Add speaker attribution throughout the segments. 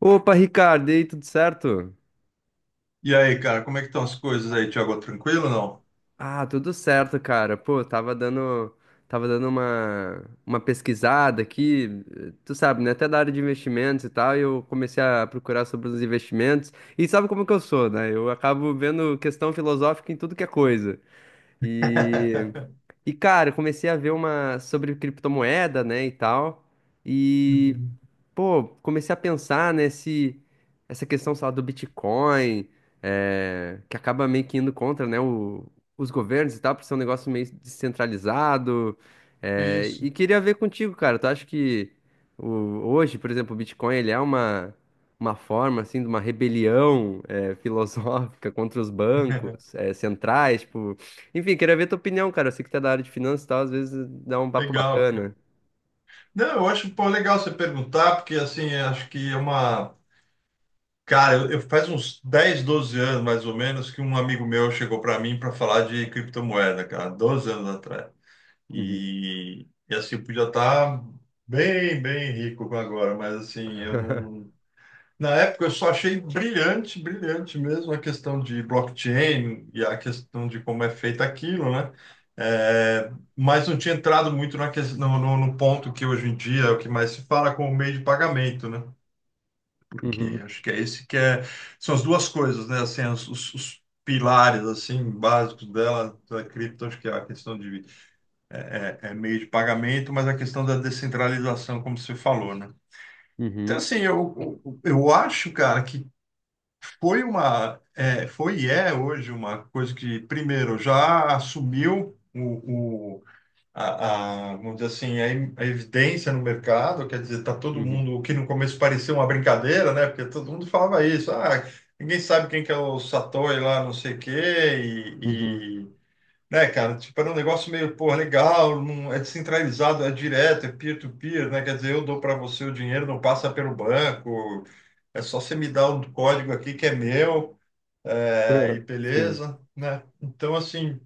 Speaker 1: Opa, Ricardo, e aí, tudo certo?
Speaker 2: E aí, cara, como é que estão as coisas aí, Thiago? Tranquilo ou não?
Speaker 1: Ah, tudo certo, cara. Pô, tava dando uma pesquisada aqui, tu sabe, né? Até da área de investimentos e tal, e eu comecei a procurar sobre os investimentos. E sabe como que eu sou, né? Eu acabo vendo questão filosófica em tudo que é coisa. E, e cara, eu comecei a ver uma sobre criptomoeda, né, e tal. E
Speaker 2: Uhum.
Speaker 1: Pô, comecei a pensar, né, se essa questão, sei lá, do Bitcoin, que acaba meio que indo contra, né, os governos e tal, por ser um negócio meio descentralizado. Eh,
Speaker 2: Isso.
Speaker 1: e queria ver contigo, cara, tu acha que o- hoje, por exemplo, o Bitcoin, ele é uma forma, assim, de uma rebelião, filosófica contra os bancos, centrais, tipo. Enfim, queria ver tua opinião, cara. Eu sei que tu é da área de finanças e tal, às vezes dá um papo
Speaker 2: Legal, cara.
Speaker 1: bacana.
Speaker 2: Não, eu acho, pô, legal você perguntar, porque assim, eu acho que é uma. Cara, eu faz uns 10, 12 anos, mais ou menos, que um amigo meu chegou para mim para falar de criptomoeda, cara, 12 anos atrás.
Speaker 1: Uhum.
Speaker 2: E assim, eu podia estar bem, bem rico agora, mas assim, eu não. Na época eu só achei brilhante, brilhante mesmo a questão de blockchain e a questão de como é feito aquilo, né? É, mas não tinha entrado muito na ques- no, no- no ponto que hoje em dia é o que mais se fala como meio de pagamento, né?
Speaker 1: Uhum,
Speaker 2: Porque acho que é esse que é, são as duas coisas, né? Assim, os os pilares assim básicos dela, da cripto, acho que é a questão de é meio de pagamento, mas a questão da descentralização, como você falou, né? Então,
Speaker 1: uhum,
Speaker 2: assim, eu acho, cara, que foi uma, é, foi e é hoje uma coisa que, primeiro, já assumiu vamos dizer assim, a evidência no mercado, quer dizer, tá todo
Speaker 1: uhum.
Speaker 2: mundo, o que no começo parecia uma brincadeira, né? Porque todo mundo falava isso, ah, ninguém sabe quem que é o Satoshi lá, não sei o quê,
Speaker 1: Uhum.
Speaker 2: e, e, né, cara, tipo, era um negócio meio, pô, legal, não, é descentralizado, é direto, é peer-to-peer, né? Quer dizer, eu dou para você o dinheiro, não passa pelo banco, é só você me dar um código aqui que é meu e
Speaker 1: Sim.
Speaker 2: beleza, né? Então, assim,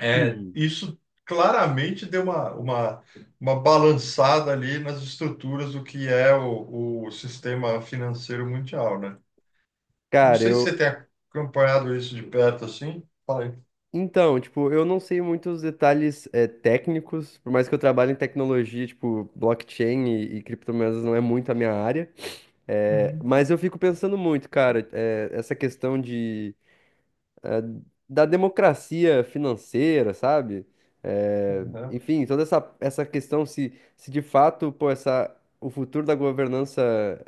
Speaker 1: Hum.
Speaker 2: isso claramente deu uma uma balançada ali nas estruturas do que é o sistema financeiro mundial, né? Eu não
Speaker 1: Cara,
Speaker 2: sei se
Speaker 1: eu.
Speaker 2: você tem acompanhado isso de perto assim. Fala aí.
Speaker 1: Então, tipo, eu não sei muitos detalhes técnicos, por mais que eu trabalhe em tecnologia, tipo, blockchain e criptomoedas não é muito a minha área.
Speaker 2: Uhum.
Speaker 1: Mas eu fico pensando muito, cara, essa questão de, eh, da democracia financeira, sabe? Eh,
Speaker 2: Aham.
Speaker 1: Enfim, toda essa questão, se de fato, pô, o futuro da governança,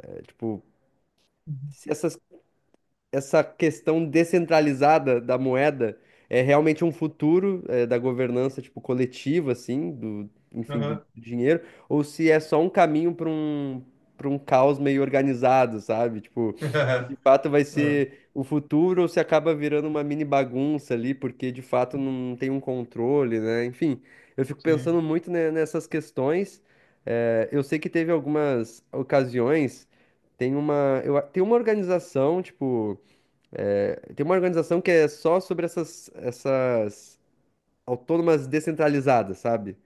Speaker 1: tipo,
Speaker 2: Uhum.
Speaker 1: se essa questão descentralizada da moeda é realmente um futuro, da governança tipo coletiva, assim, do, enfim, do
Speaker 2: Aham.
Speaker 1: dinheiro, ou se é só um caminho para um caos meio organizado, sabe? Tipo, se de fato vai
Speaker 2: É,
Speaker 1: ser o futuro ou se acaba virando uma mini bagunça ali, porque de fato não tem um controle, né, enfim. Eu fico pensando
Speaker 2: sim.
Speaker 1: muito nessas questões. Eu sei que teve algumas ocasiões. Tem uma, tem uma organização tipo. Tem uma organização que é só sobre essas autônomas descentralizadas, sabe?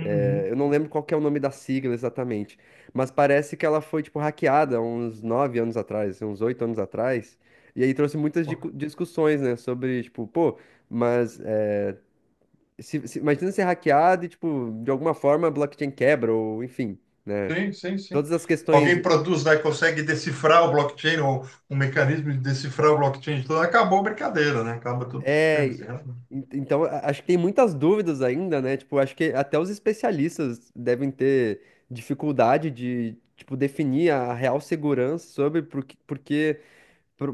Speaker 1: É, eu não lembro qual que é o nome da sigla exatamente, mas parece que ela foi, tipo, hackeada uns 9 anos atrás, assim, uns 8 anos atrás, e aí trouxe muitas discussões, né, sobre, tipo, pô, mas é, imagina ser hackeado e, tipo, de alguma forma a blockchain quebra, ou enfim, né?
Speaker 2: Sim, sim, sim.
Speaker 1: Todas as questões.
Speaker 2: Alguém produz lá e consegue decifrar o blockchain, ou um mecanismo de decifrar o blockchain, então acabou a brincadeira, né? Acaba todo o
Speaker 1: É,
Speaker 2: sistema. Você tem razão.
Speaker 1: então acho que tem muitas dúvidas ainda, né? Tipo, acho que até os especialistas devem ter dificuldade de, tipo, definir a real segurança sobre porque,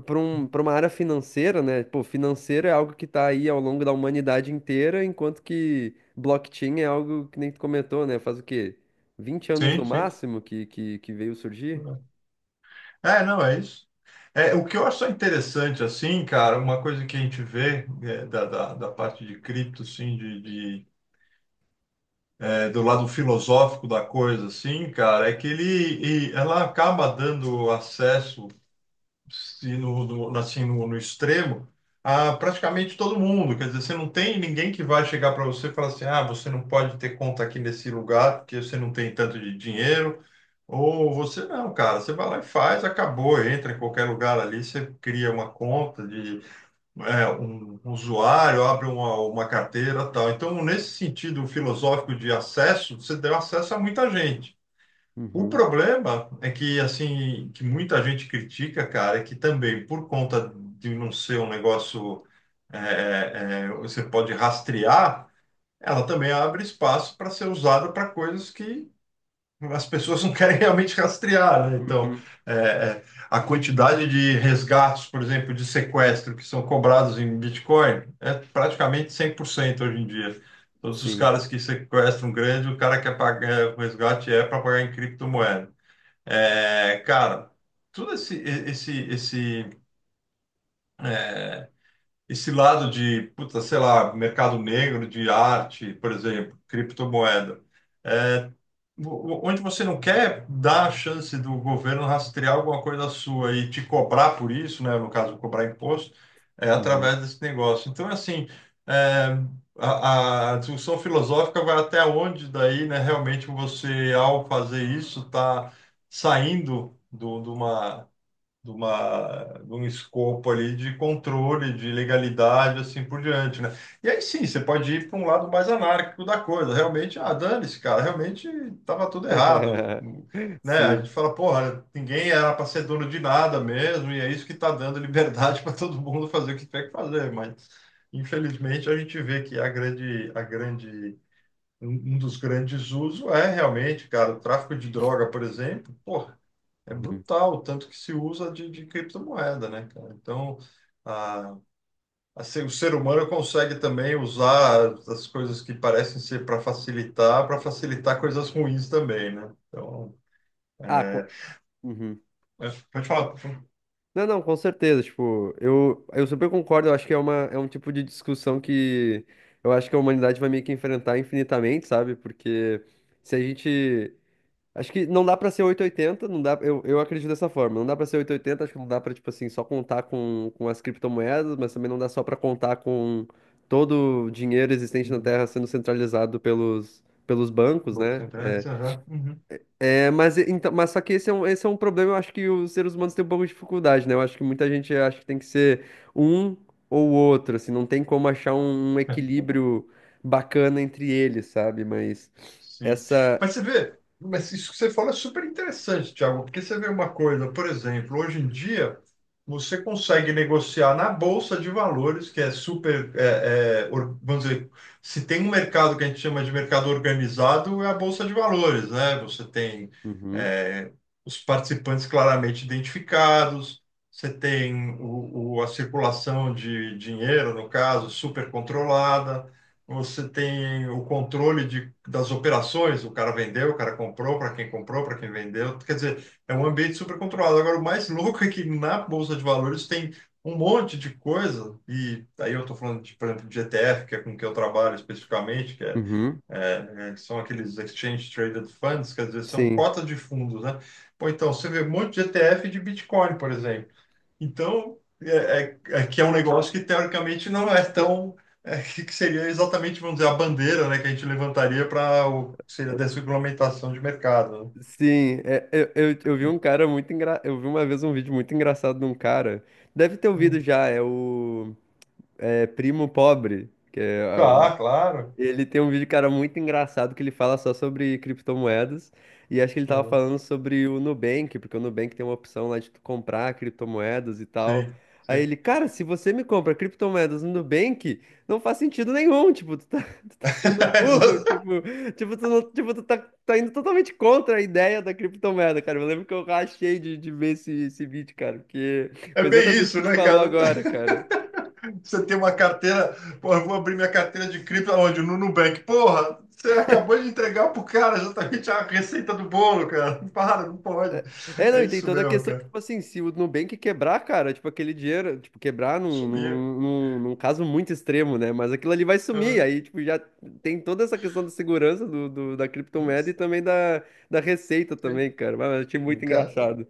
Speaker 1: para uma área financeira, né? Pô, financeiro é algo que tá aí ao longo da humanidade inteira, enquanto que blockchain é algo que nem tu comentou, né? Faz o quê? 20 anos no
Speaker 2: Sim, sim.
Speaker 1: máximo que veio surgir?
Speaker 2: É, não, é isso. É, o que eu acho só interessante, assim, cara, uma coisa que a gente vê é, da parte de cripto, assim, é, do lado filosófico da coisa, assim, cara, é que ele, e ela acaba dando acesso se no, assim, no extremo, a praticamente todo mundo. Quer dizer, você não tem ninguém que vai chegar para você e falar assim: ah, você não pode ter conta aqui nesse lugar porque você não tem tanto de dinheiro. Ou você não, cara, você vai lá e faz, acabou, entra em qualquer lugar ali, você cria uma conta de um usuário, abre uma carteira, tal. Então, nesse sentido filosófico de acesso, você deu acesso a muita gente. O
Speaker 1: Uhum.
Speaker 2: problema é que, assim, que muita gente critica, cara, é que também, por conta de não ser um negócio você pode rastrear, ela também abre espaço para ser usada para coisas que as pessoas não querem realmente rastrear, né? Então,
Speaker 1: Uhum.
Speaker 2: é, é, a quantidade de resgates, por exemplo, de sequestro que são cobrados em Bitcoin é praticamente 100% hoje em dia. Todos os
Speaker 1: Sim.
Speaker 2: caras que sequestram grande, o cara quer pagar o resgate é para pagar em criptomoeda. É, cara, todo esse esse lado de, puta, sei lá, mercado negro de arte, por exemplo, criptomoeda, é, onde você não quer dar a chance do governo rastrear alguma coisa sua e te cobrar por isso, né, no caso, cobrar imposto, é
Speaker 1: Uhum.
Speaker 2: através desse negócio. Então, assim, é, a discussão filosófica vai até onde daí, né, realmente você, ao fazer isso, está saindo do, de uma de uma, de um escopo ali de controle, de legalidade, assim por diante, né? E aí sim, você pode ir para um lado mais anárquico da coisa. Realmente, ah, dane-se, cara, realmente estava tudo errado, né? A
Speaker 1: Sim.
Speaker 2: gente fala, porra, ninguém era para ser dono de nada mesmo, e é isso que está dando liberdade para todo mundo fazer o que tiver que fazer, mas infelizmente a gente vê que a grande Um um dos grandes usos é realmente, cara, o tráfico de droga, por exemplo. Pô, é
Speaker 1: Uhum.
Speaker 2: brutal, tanto que se usa de, criptomoeda, né, cara? Então, a, o ser humano consegue também usar as coisas que parecem ser para facilitar coisas ruins também, né? Então,
Speaker 1: Ah,
Speaker 2: é,
Speaker 1: Uhum.
Speaker 2: pode falar.
Speaker 1: Não, não, com certeza. Tipo, eu super concordo. Eu acho que é um tipo de discussão que eu acho que a humanidade vai meio que enfrentar infinitamente, sabe? Porque se a gente. Acho que não dá pra ser oitocentos e oitenta, não dá. Eu acredito dessa forma. Não dá pra ser oitocentos e oitenta, acho que não dá pra, tipo assim, só contar com as criptomoedas, mas também não dá só pra contar com todo o dinheiro existente na
Speaker 2: Uhum.
Speaker 1: Terra sendo centralizado pelos bancos,
Speaker 2: Boca
Speaker 1: né?
Speaker 2: sem
Speaker 1: É,
Speaker 2: internet, uhum.
Speaker 1: É, mas, então, mas só que esse é esse é um problema, eu acho que os seres humanos têm um pouco de dificuldade, né? Eu acho que muita gente acha que tem que ser um ou outro, assim, não tem como achar um equilíbrio bacana entre eles, sabe? Mas
Speaker 2: Sim.
Speaker 1: essa.
Speaker 2: Mas você vê, mas isso que você fala é super interessante, Thiago, porque você vê uma coisa, por exemplo, hoje em dia você consegue negociar na Bolsa de Valores, que é super, vamos dizer, se tem um mercado que a gente chama de mercado organizado, é a Bolsa de Valores, né? Você tem,
Speaker 1: Uhum,
Speaker 2: é, os participantes claramente identificados, você tem a circulação de dinheiro, no caso, super controlada. Você tem o controle de, das operações, o cara vendeu, o cara comprou, para quem vendeu. Quer dizer, é um ambiente super controlado. Agora, o mais louco é que na Bolsa de Valores tem um monte de coisa, e aí eu estou falando, de, por exemplo, de ETF, que é com que eu trabalho especificamente, que é,
Speaker 1: uhum,
Speaker 2: são aqueles Exchange Traded Funds, quer dizer, são
Speaker 1: sim.
Speaker 2: cotas de fundos, né? Pô, então, você vê um monte de ETF de Bitcoin, por exemplo. Então, é que é um negócio que teoricamente não é tão. Que seria exatamente, vamos dizer, a bandeira, né, que a gente levantaria para o que seria a desregulamentação de mercado.
Speaker 1: Sim, é, Eu vi uma vez um vídeo muito engraçado de um cara. Deve ter
Speaker 2: Né?
Speaker 1: ouvido
Speaker 2: Hum.
Speaker 1: já, é o Primo Pobre, que é.
Speaker 2: Tá, claro.
Speaker 1: Ele tem um vídeo, cara, muito engraçado que ele fala só sobre criptomoedas. E acho que ele tava
Speaker 2: É.
Speaker 1: falando sobre o Nubank, porque o Nubank tem uma opção lá de tu comprar criptomoedas e tal.
Speaker 2: Sim,
Speaker 1: Aí
Speaker 2: sim.
Speaker 1: ele, cara, se você me compra criptomoedas no Nubank, não faz sentido nenhum. Tipo, tu tá, tu tá sendo burro. Tipo, tu, não- tipo, tá indo totalmente contra a ideia da criptomoeda, cara. Eu lembro que eu rachei de ver esse vídeo, cara, porque
Speaker 2: É
Speaker 1: foi
Speaker 2: bem
Speaker 1: exatamente o
Speaker 2: isso,
Speaker 1: que tu
Speaker 2: né,
Speaker 1: falou
Speaker 2: cara?
Speaker 1: agora, cara.
Speaker 2: Você tem uma carteira, porra, eu vou abrir minha carteira de cripto aonde? No Nubank. Porra, você acabou de entregar pro cara exatamente a receita do bolo, cara. Para, não pode.
Speaker 1: É, não,
Speaker 2: É
Speaker 1: e tem
Speaker 2: isso
Speaker 1: toda a
Speaker 2: mesmo,
Speaker 1: questão,
Speaker 2: cara.
Speaker 1: tipo assim, se o Nubank quebrar, cara, tipo, aquele dinheiro, tipo, quebrar
Speaker 2: Sumiu.
Speaker 1: num caso muito extremo, né? Mas aquilo ali vai sumir,
Speaker 2: Uhum.
Speaker 1: aí, tipo, já tem toda essa questão da segurança da criptomoeda e também da receita
Speaker 2: Sim.
Speaker 1: também, cara. Mas eu achei muito
Speaker 2: Cara,
Speaker 1: engraçado.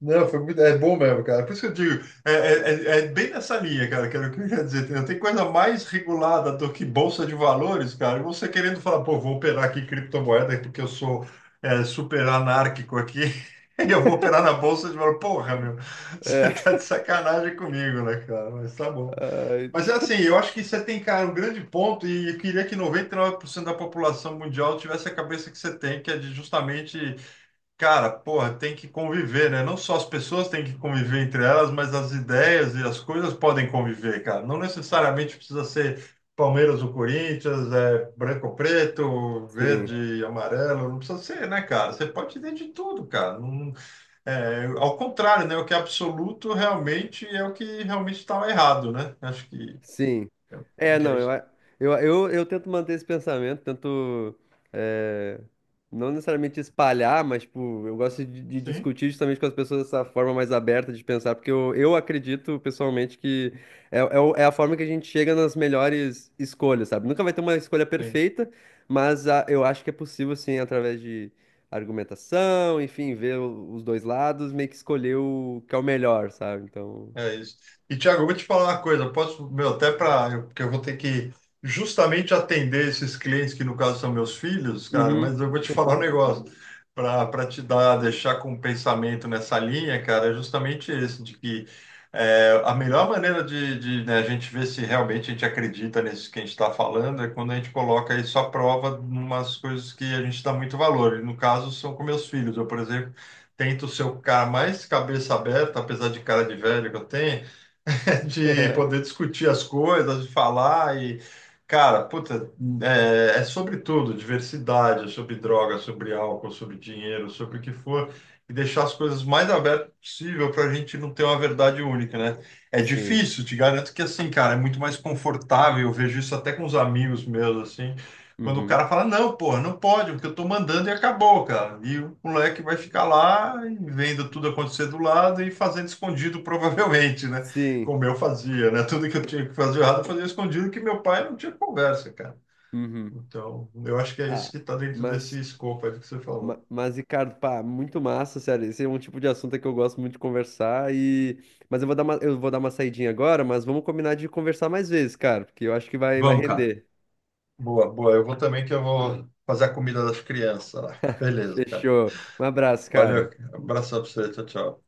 Speaker 2: não, foi muito, é bom mesmo, cara. Por isso que eu digo, é bem nessa linha, cara, que era o que eu ia dizer. Não tem coisa mais regulada do que bolsa de valores, cara. E você querendo falar, pô, vou operar aqui criptomoeda porque eu sou super anárquico aqui, e eu vou operar na bolsa de valores. Porra, meu,
Speaker 1: É,
Speaker 2: você tá de sacanagem comigo, né, cara? Mas tá bom.
Speaker 1: ai,
Speaker 2: Mas é assim, eu acho que você tem, cara, um grande ponto, e eu queria que 99% da população mundial tivesse a cabeça que você tem, que é de justamente. Cara, porra, tem que conviver, né? Não só as pessoas têm que conviver entre elas, mas as ideias e as coisas podem conviver, cara. Não necessariamente precisa ser Palmeiras ou Corinthians, é branco ou preto,
Speaker 1: sim.
Speaker 2: verde e amarelo, não precisa ser, né, cara? Você pode ter de tudo, cara. Ao contrário, né? O que é absoluto realmente é o que realmente estava errado, né? Acho que
Speaker 1: Sim.
Speaker 2: é o
Speaker 1: É,
Speaker 2: que é
Speaker 1: não,
Speaker 2: isso.
Speaker 1: eu tento manter esse pensamento, tento, é, não necessariamente espalhar, mas tipo, eu gosto de
Speaker 2: Sim.
Speaker 1: discutir justamente com as pessoas essa forma mais aberta de pensar, porque eu acredito pessoalmente que é a forma que a gente chega nas melhores escolhas, sabe? Nunca vai ter uma escolha
Speaker 2: Sim.
Speaker 1: perfeita, mas eu acho que é possível, sim, através de argumentação, enfim, ver os dois lados, meio que escolher o que é o melhor, sabe? Então.
Speaker 2: É isso. E, Thiago, eu vou te falar uma coisa, eu posso, meu, até para, porque eu vou ter que justamente atender esses clientes que no caso são meus filhos, cara,
Speaker 1: Uhum.
Speaker 2: mas eu vou te falar um negócio para te dar, deixar com um pensamento nessa linha, cara, é justamente esse, de que a melhor maneira né, a gente ver se realmente a gente acredita nisso que a gente está falando é quando a gente coloca isso à prova em umas coisas que a gente dá muito valor. E no caso são com meus filhos. Eu, por exemplo, tento ser o cara mais cabeça aberta, apesar de cara de velho que eu tenho, de poder discutir as coisas, de falar e, cara, puta, sobre tudo, diversidade, é sobre droga, é sobre álcool, sobre dinheiro, sobre o que for, e deixar as coisas mais abertas possível para a gente não ter uma verdade única, né? É
Speaker 1: Sim.
Speaker 2: difícil, te garanto que assim, cara, é muito mais confortável, eu vejo isso até com os amigos meus, assim, quando o
Speaker 1: Uhum.
Speaker 2: cara fala, não, porra, não pode, porque eu tô mandando e acabou, cara. E o moleque vai ficar lá e vendo tudo acontecer do lado e fazendo escondido, provavelmente, né?
Speaker 1: Sim.
Speaker 2: Como eu fazia, né? Tudo que eu tinha que fazer errado, eu fazia escondido, que meu pai não tinha conversa, cara.
Speaker 1: Uhum.
Speaker 2: Então, eu acho que é
Speaker 1: Ah,
Speaker 2: isso que está dentro
Speaker 1: mas,
Speaker 2: desse escopo aí do que você falou.
Speaker 1: mas, Ricardo, pá, muito massa, sério. Esse é um tipo de assunto que eu gosto muito de conversar e. Mas eu vou dar uma saidinha agora, mas vamos combinar de conversar mais vezes, cara, porque eu acho que vai
Speaker 2: Vamos, cara.
Speaker 1: render.
Speaker 2: Boa, boa. Eu vou também, que eu vou fazer a comida das crianças lá. Beleza, cara.
Speaker 1: Fechou. Um abraço,
Speaker 2: Valeu.
Speaker 1: cara.
Speaker 2: Abração pra você. Tchau, tchau.